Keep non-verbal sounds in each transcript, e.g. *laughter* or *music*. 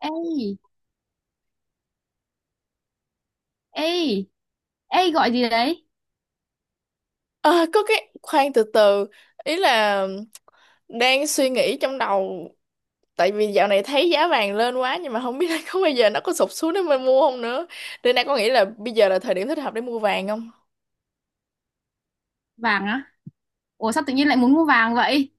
Ê, ê, ê gọi gì đấy? Ờ, có cái khoan từ từ, ý là đang suy nghĩ trong đầu. Tại vì dạo này thấy giá vàng lên quá nhưng mà không biết *laughs* là có bây giờ nó có sụp xuống để mình mua không nữa, nên đang có nghĩ là bây giờ là thời điểm thích hợp để mua vàng không. Vàng á? Ủa sao tự nhiên lại muốn mua vàng vậy?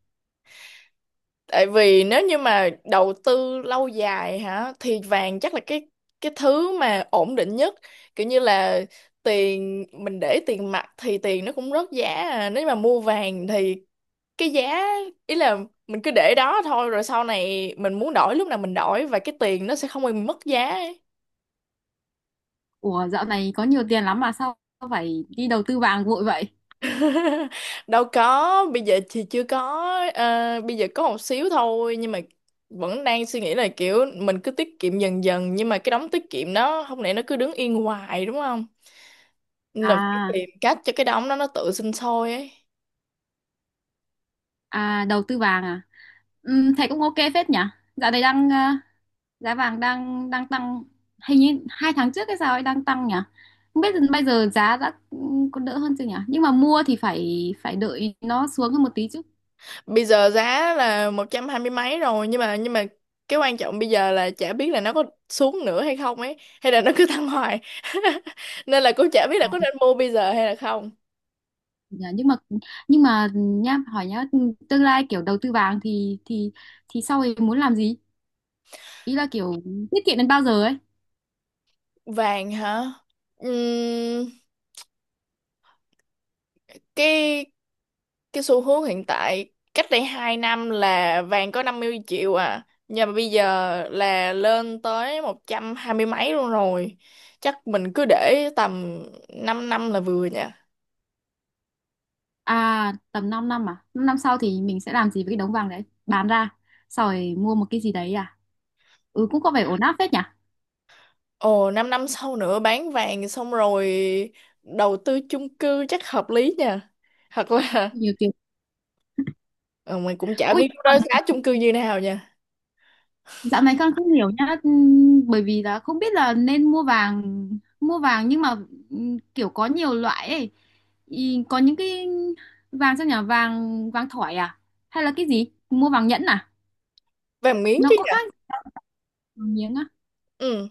Tại vì nếu như mà đầu tư lâu dài hả thì vàng chắc là cái thứ mà ổn định nhất, kiểu như là tiền mình để tiền mặt thì tiền nó cũng rớt giá à. Nếu mà mua vàng thì cái giá, ý là mình cứ để đó thôi, rồi sau này mình muốn đổi lúc nào mình đổi và cái tiền nó sẽ không bị mất giá ấy. Ủa dạo này có nhiều tiền lắm mà sao phải đi đầu tư vàng vội vậy? *laughs* Đâu có, bây giờ thì chưa có. ờ, Bây giờ có một xíu thôi nhưng mà vẫn đang suy nghĩ là kiểu mình cứ tiết kiệm dần dần, nhưng mà cái đống tiết kiệm đó không lẽ nó cứ đứng yên hoài đúng không, nên là phải À, tìm cách cho cái đống đó nó tự sinh sôi ấy. à đầu tư vàng à? Thế cũng ok phết nhỉ? Dạo này đang giá vàng đang đang tăng, hình như hai tháng trước hay sao ấy đang tăng nhỉ? Không biết bây giờ giá đã có đỡ hơn chưa nhỉ? Nhưng mà mua thì phải phải đợi nó xuống hơn một tí chứ. Bây giờ giá là một trăm hai mươi mấy rồi, nhưng mà cái quan trọng bây giờ là chả biết là nó có xuống nữa hay không ấy, hay là nó cứ tăng hoài. *laughs* Nên là cũng chả biết là có nên mua bây giờ hay là không. Dạ, nhưng mà nha hỏi nhá, tương lai kiểu đầu tư vàng thì sau ấy muốn làm gì, ý là kiểu tiết kiệm đến bao giờ ấy. Vàng hả? Ừm, cái xu hướng hiện tại cách đây 2 năm là vàng có 50 triệu à, nhưng mà bây giờ là lên tới 120 mấy luôn rồi. Chắc mình cứ để tầm 5 năm là vừa nhỉ. À tầm 5 năm à? 5 năm sau thì mình sẽ làm gì với cái đống vàng đấy, bán ra sau rồi mua một cái gì đấy à? Ừ, cũng có vẻ ổn áp phết nhỉ. Ồ, 5 năm sau nữa bán vàng xong rồi đầu tư chung cư chắc hợp lý nha. Thật là Nhiều tiền. ờ, mình cũng chả Ui, biết lúc đó giá chung cư như nào nha. dạo này con không hiểu nhá, bởi vì là không biết là nên mua vàng nhưng mà kiểu có nhiều loại ấy. Ý, có những cái vàng sao nhỉ, vàng vàng thỏi à? Hay là cái gì? Mua vàng nhẫn à? Vàng miếng Nó chứ có nhỉ? khác vàng miếng á? Ừ,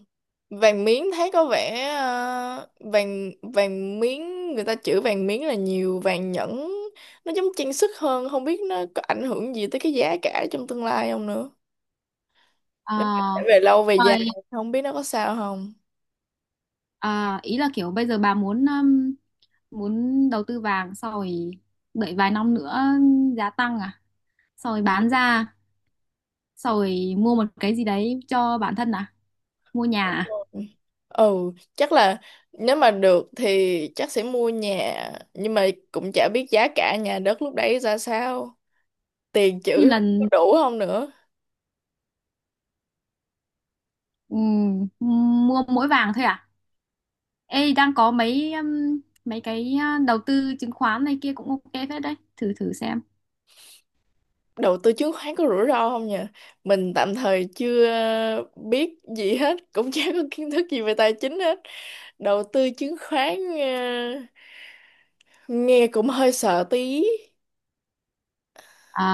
vàng miếng thấy có vẻ vàng vàng miếng người ta chữ vàng miếng là nhiều, vàng nhẫn nó giống trang sức hơn, không biết nó có ảnh hưởng gì tới cái giá cả trong tương lai không nữa. Nếu mà để À, về lâu về dài rồi, không biết nó có sao không. à, ý là kiểu bây giờ bà muốn muốn đầu tư vàng sau rồi đợi vài năm nữa giá tăng à? Sau rồi bán ra, sau rồi mua một cái gì đấy cho bản thân à? Mua nhà à? Ừ chắc là nếu mà được thì chắc sẽ mua nhà, nhưng mà cũng chả biết giá cả nhà đất lúc đấy ra sao, tiền Như chữ là, có đủ không nữa. ừ, mua mỗi vàng thôi à? Ê, đang có mấy mấy cái đầu tư chứng khoán này kia cũng ok phết đấy, thử thử xem. Đầu tư chứng khoán có rủi ro không nhỉ? Mình tạm thời chưa biết gì hết, cũng *laughs* chả có kiến thức gì về tài chính hết. Đầu tư chứng khoán nghe cũng hơi sợ tí. À,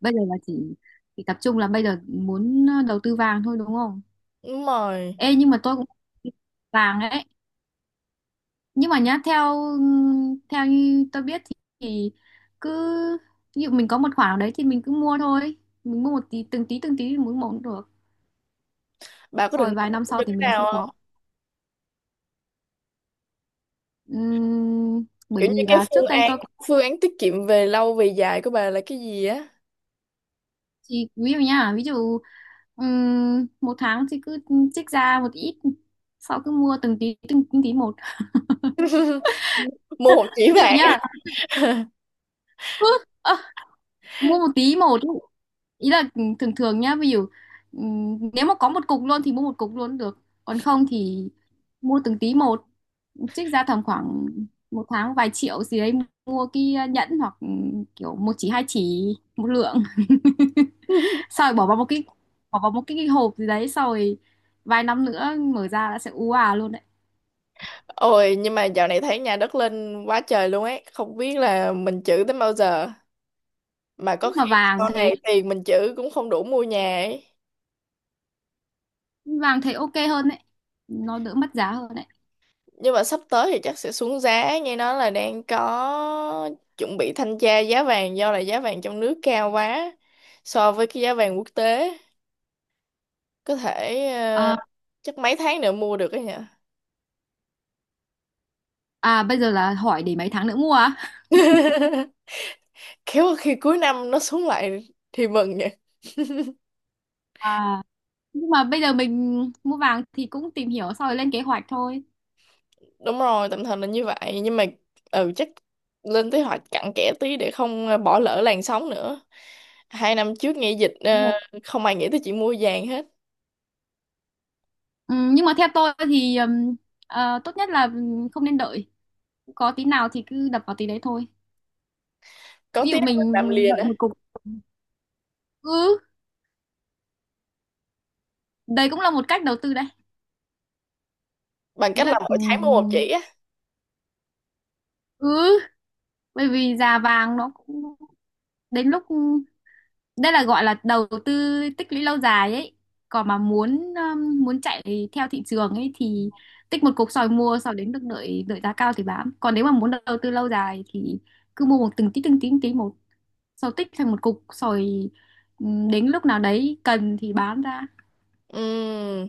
bây giờ là chỉ tập trung là bây giờ muốn đầu tư vàng thôi đúng không? Đúng rồi. Ê, nhưng mà tôi cũng vàng ấy. Nhưng mà nhá, theo ừ, theo như tôi biết thì, cứ ví dụ mình có một khoản nào đấy thì mình cứ mua thôi. Mình mua một tí từng tí thì mỗi một cũng được. Bà có Rồi định đầu vài năm tư sau cho thì cái mình không nào có. không, Bởi kiểu như vì cái là trước đây tôi phương án tiết kiệm về lâu về dài của bà là cái gì á? thì ví dụ nha, ví dụ một tháng thì cứ trích ra một ít, sau cứ mua từng tí từng, từng tí một. Mua một *laughs* chỉ Ví dụ vàng. nha, cứ ơ, mua một tí một ý. Ý là thường thường nhá, ví dụ nếu mà có một cục luôn thì mua một cục luôn được, còn không thì mua từng tí một, trích ra tầm khoảng một tháng vài triệu gì đấy, mua cái nhẫn hoặc kiểu một chỉ hai chỉ một lượng, *laughs* xong rồi bỏ vào một cái, cái hộp gì đấy, xong rồi vài năm nữa mở ra đã sẽ ú à luôn đấy. Ôi nhưng mà dạo này thấy nhà đất lên quá trời luôn ấy, không biết là mình trữ tới bao giờ, mà có Nhưng mà khi sau này tiền mình trữ cũng không đủ mua nhà ấy. vàng thấy ok hơn đấy, nó đỡ mất giá hơn đấy. Nhưng mà sắp tới thì chắc sẽ xuống giá, nghe nói là đang có chuẩn bị thanh tra giá vàng do là giá vàng trong nước cao quá so với cái giá vàng quốc tế. Có thể À, chắc mấy tháng nữa mua được ấy nhỉ. à bây giờ là hỏi để mấy tháng nữa mua à? *laughs* Khéo khi cuối năm nó xuống lại thì mừng. À nhưng mà bây giờ mình mua vàng thì cũng tìm hiểu xong rồi lên kế hoạch thôi. Đúng rồi, tạm thời là như vậy nhưng mà ừ chắc lên kế hoạch cặn kẽ tí để không bỏ lỡ làn sóng nữa. 2 năm trước nghe dịch Đúng rồi. không ai nghĩ tới chuyện mua vàng hết. Ừ, nhưng mà theo tôi thì tốt nhất là không nên đợi, có tí nào thì cứ đập vào tí đấy thôi. Có Ví tí dụ nào mình làm mình liền đợi á, một cục, ừ, đấy cũng là một cách đầu tư đấy. bằng Ý cách là là mỗi tháng mua một chỉ á. ừ, bởi vì già vàng nó cũng đến lúc, đây là gọi là đầu tư tích lũy lâu dài ấy. Còn mà muốn muốn chạy theo thị trường ấy thì tích một cục sỏi mua sau đến được, đợi đợi giá cao thì bán, còn nếu mà muốn đầu tư lâu dài thì cứ mua một từng tí một, sau tích thành một cục sỏi, đến lúc nào đấy cần thì bán ra. Ừm,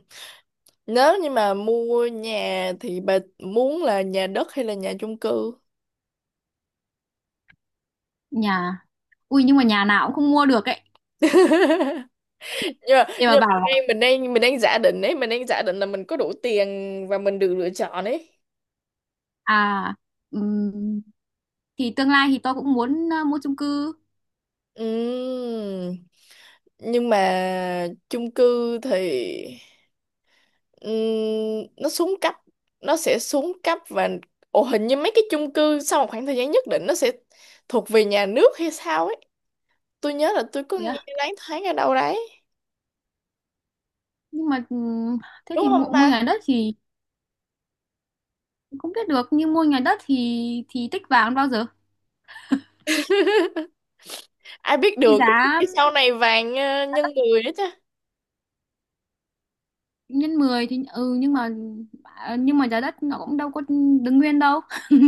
nếu như mà mua nhà thì bà muốn là nhà đất hay là nhà chung cư? Nhà, ui nhưng mà nhà nào cũng không mua được ấy. *laughs* nhưng mà, Để mà nhưng mà bảo là, mình đang giả định ấy, mình đang giả định là mình có đủ tiền và mình được lựa chọn ấy. à, ừm, thì tương lai thì tôi cũng muốn mua chung cư. Ừm. Nhưng mà chung cư thì ừm, nó xuống cấp, nó sẽ xuống cấp và ồ hình như mấy cái chung cư sau một khoảng thời gian nhất định nó sẽ thuộc về nhà nước hay sao ấy, tôi nhớ là tôi có nghe loáng thoáng ở đâu đấy. Nhưng mà thế Đúng thì không mua, mua ta? nhà đất thì không biết được, nhưng mua nhà đất thì tích vàng bao giờ. Ai biết Cái được, có giá khi sau này vàng nhân người đó chứ. nhân 10 thì ừ, nhưng mà à, nhưng mà giá đất nó cũng đâu có đứng nguyên đâu. *laughs*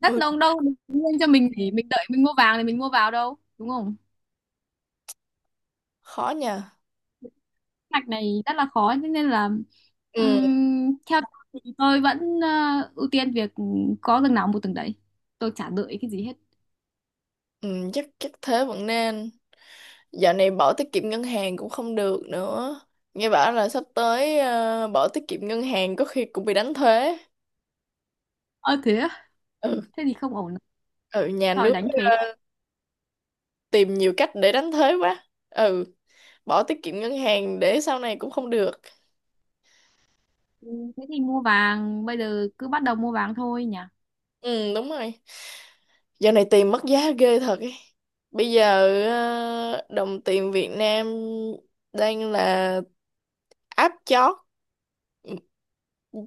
Đất Ừ nó cũng đâu đứng nguyên cho mình để mình đợi mình mua vàng thì mình mua vào đâu đúng không. khó nhờ. Mạch này rất là khó, thế nên là ừ, theo tôi thì tôi vẫn ưu tiên việc có từng nào mua từng đấy, tôi chả đợi cái gì hết. ừ chắc chắc thế vẫn nên. Dạo này bỏ tiết kiệm ngân hàng cũng không được nữa, nghe bảo là sắp tới bỏ tiết kiệm ngân hàng có khi cũng bị đánh thuế. Ơ thế á? Ừ. Thế thì không ổn. Ừ, nhà Rồi nước đánh thuế. tìm nhiều cách để đánh thuế quá. Ừ. Bỏ tiết kiệm ngân hàng để sau này cũng không được. Ừ, thế thì mua vàng, bây giờ cứ bắt đầu mua vàng thôi nhỉ. Ừ đúng rồi, giờ này tiền mất giá ghê thật ấy. Bây giờ đồng tiền Việt Nam đang là áp chót,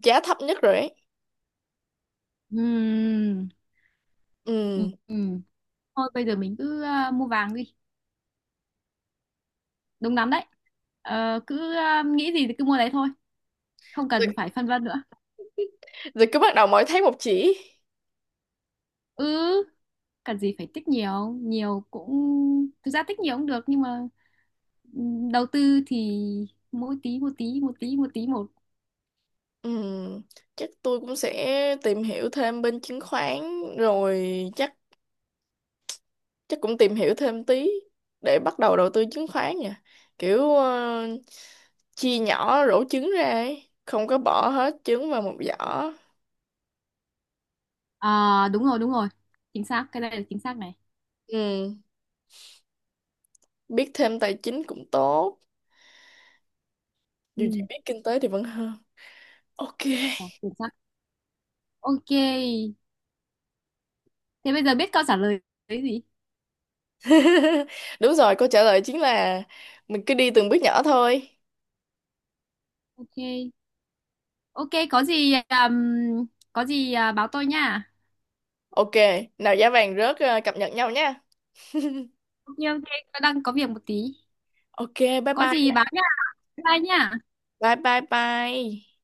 giá thấp nhất rồi ấy. Ừm, ừ Ừ. ừm. Thôi bây giờ mình cứ mua vàng đi, đúng lắm đấy. Cứ nghĩ gì thì cứ mua đấy thôi, không Rồi, cần phải phân vân nữa. rồi cứ bắt đầu mỗi tháng một chỉ. Ừ, cần gì phải tích nhiều, nhiều cũng, thực ra tích nhiều cũng được nhưng mà đầu tư thì mỗi tí một tí một tí một. Ừ chắc tôi cũng sẽ tìm hiểu thêm bên chứng khoán, rồi chắc chắc cũng tìm hiểu thêm tí để bắt đầu đầu tư chứng khoán nha, kiểu chia nhỏ rổ trứng ra ấy, không có bỏ hết trứng vào một giỏ. À, đúng rồi, đúng rồi, chính xác, cái này là chính xác này. Ừ. Biết thêm tài chính cũng tốt, dù gì Ừ, biết kinh tế thì vẫn hơn. OK. ờ, chính xác. Ok, thế bây giờ biết câu trả lời đấy gì. *laughs* Đúng rồi, câu trả lời chính là mình cứ đi từng bước nhỏ thôi. Ok, ok có gì à, báo tôi nha. OK, nào giá vàng rớt cập nhật nhau nha. Nhiêu đang có việc một tí. OK, bye Có gì bye báo nha. Bye nha. bye bye bye.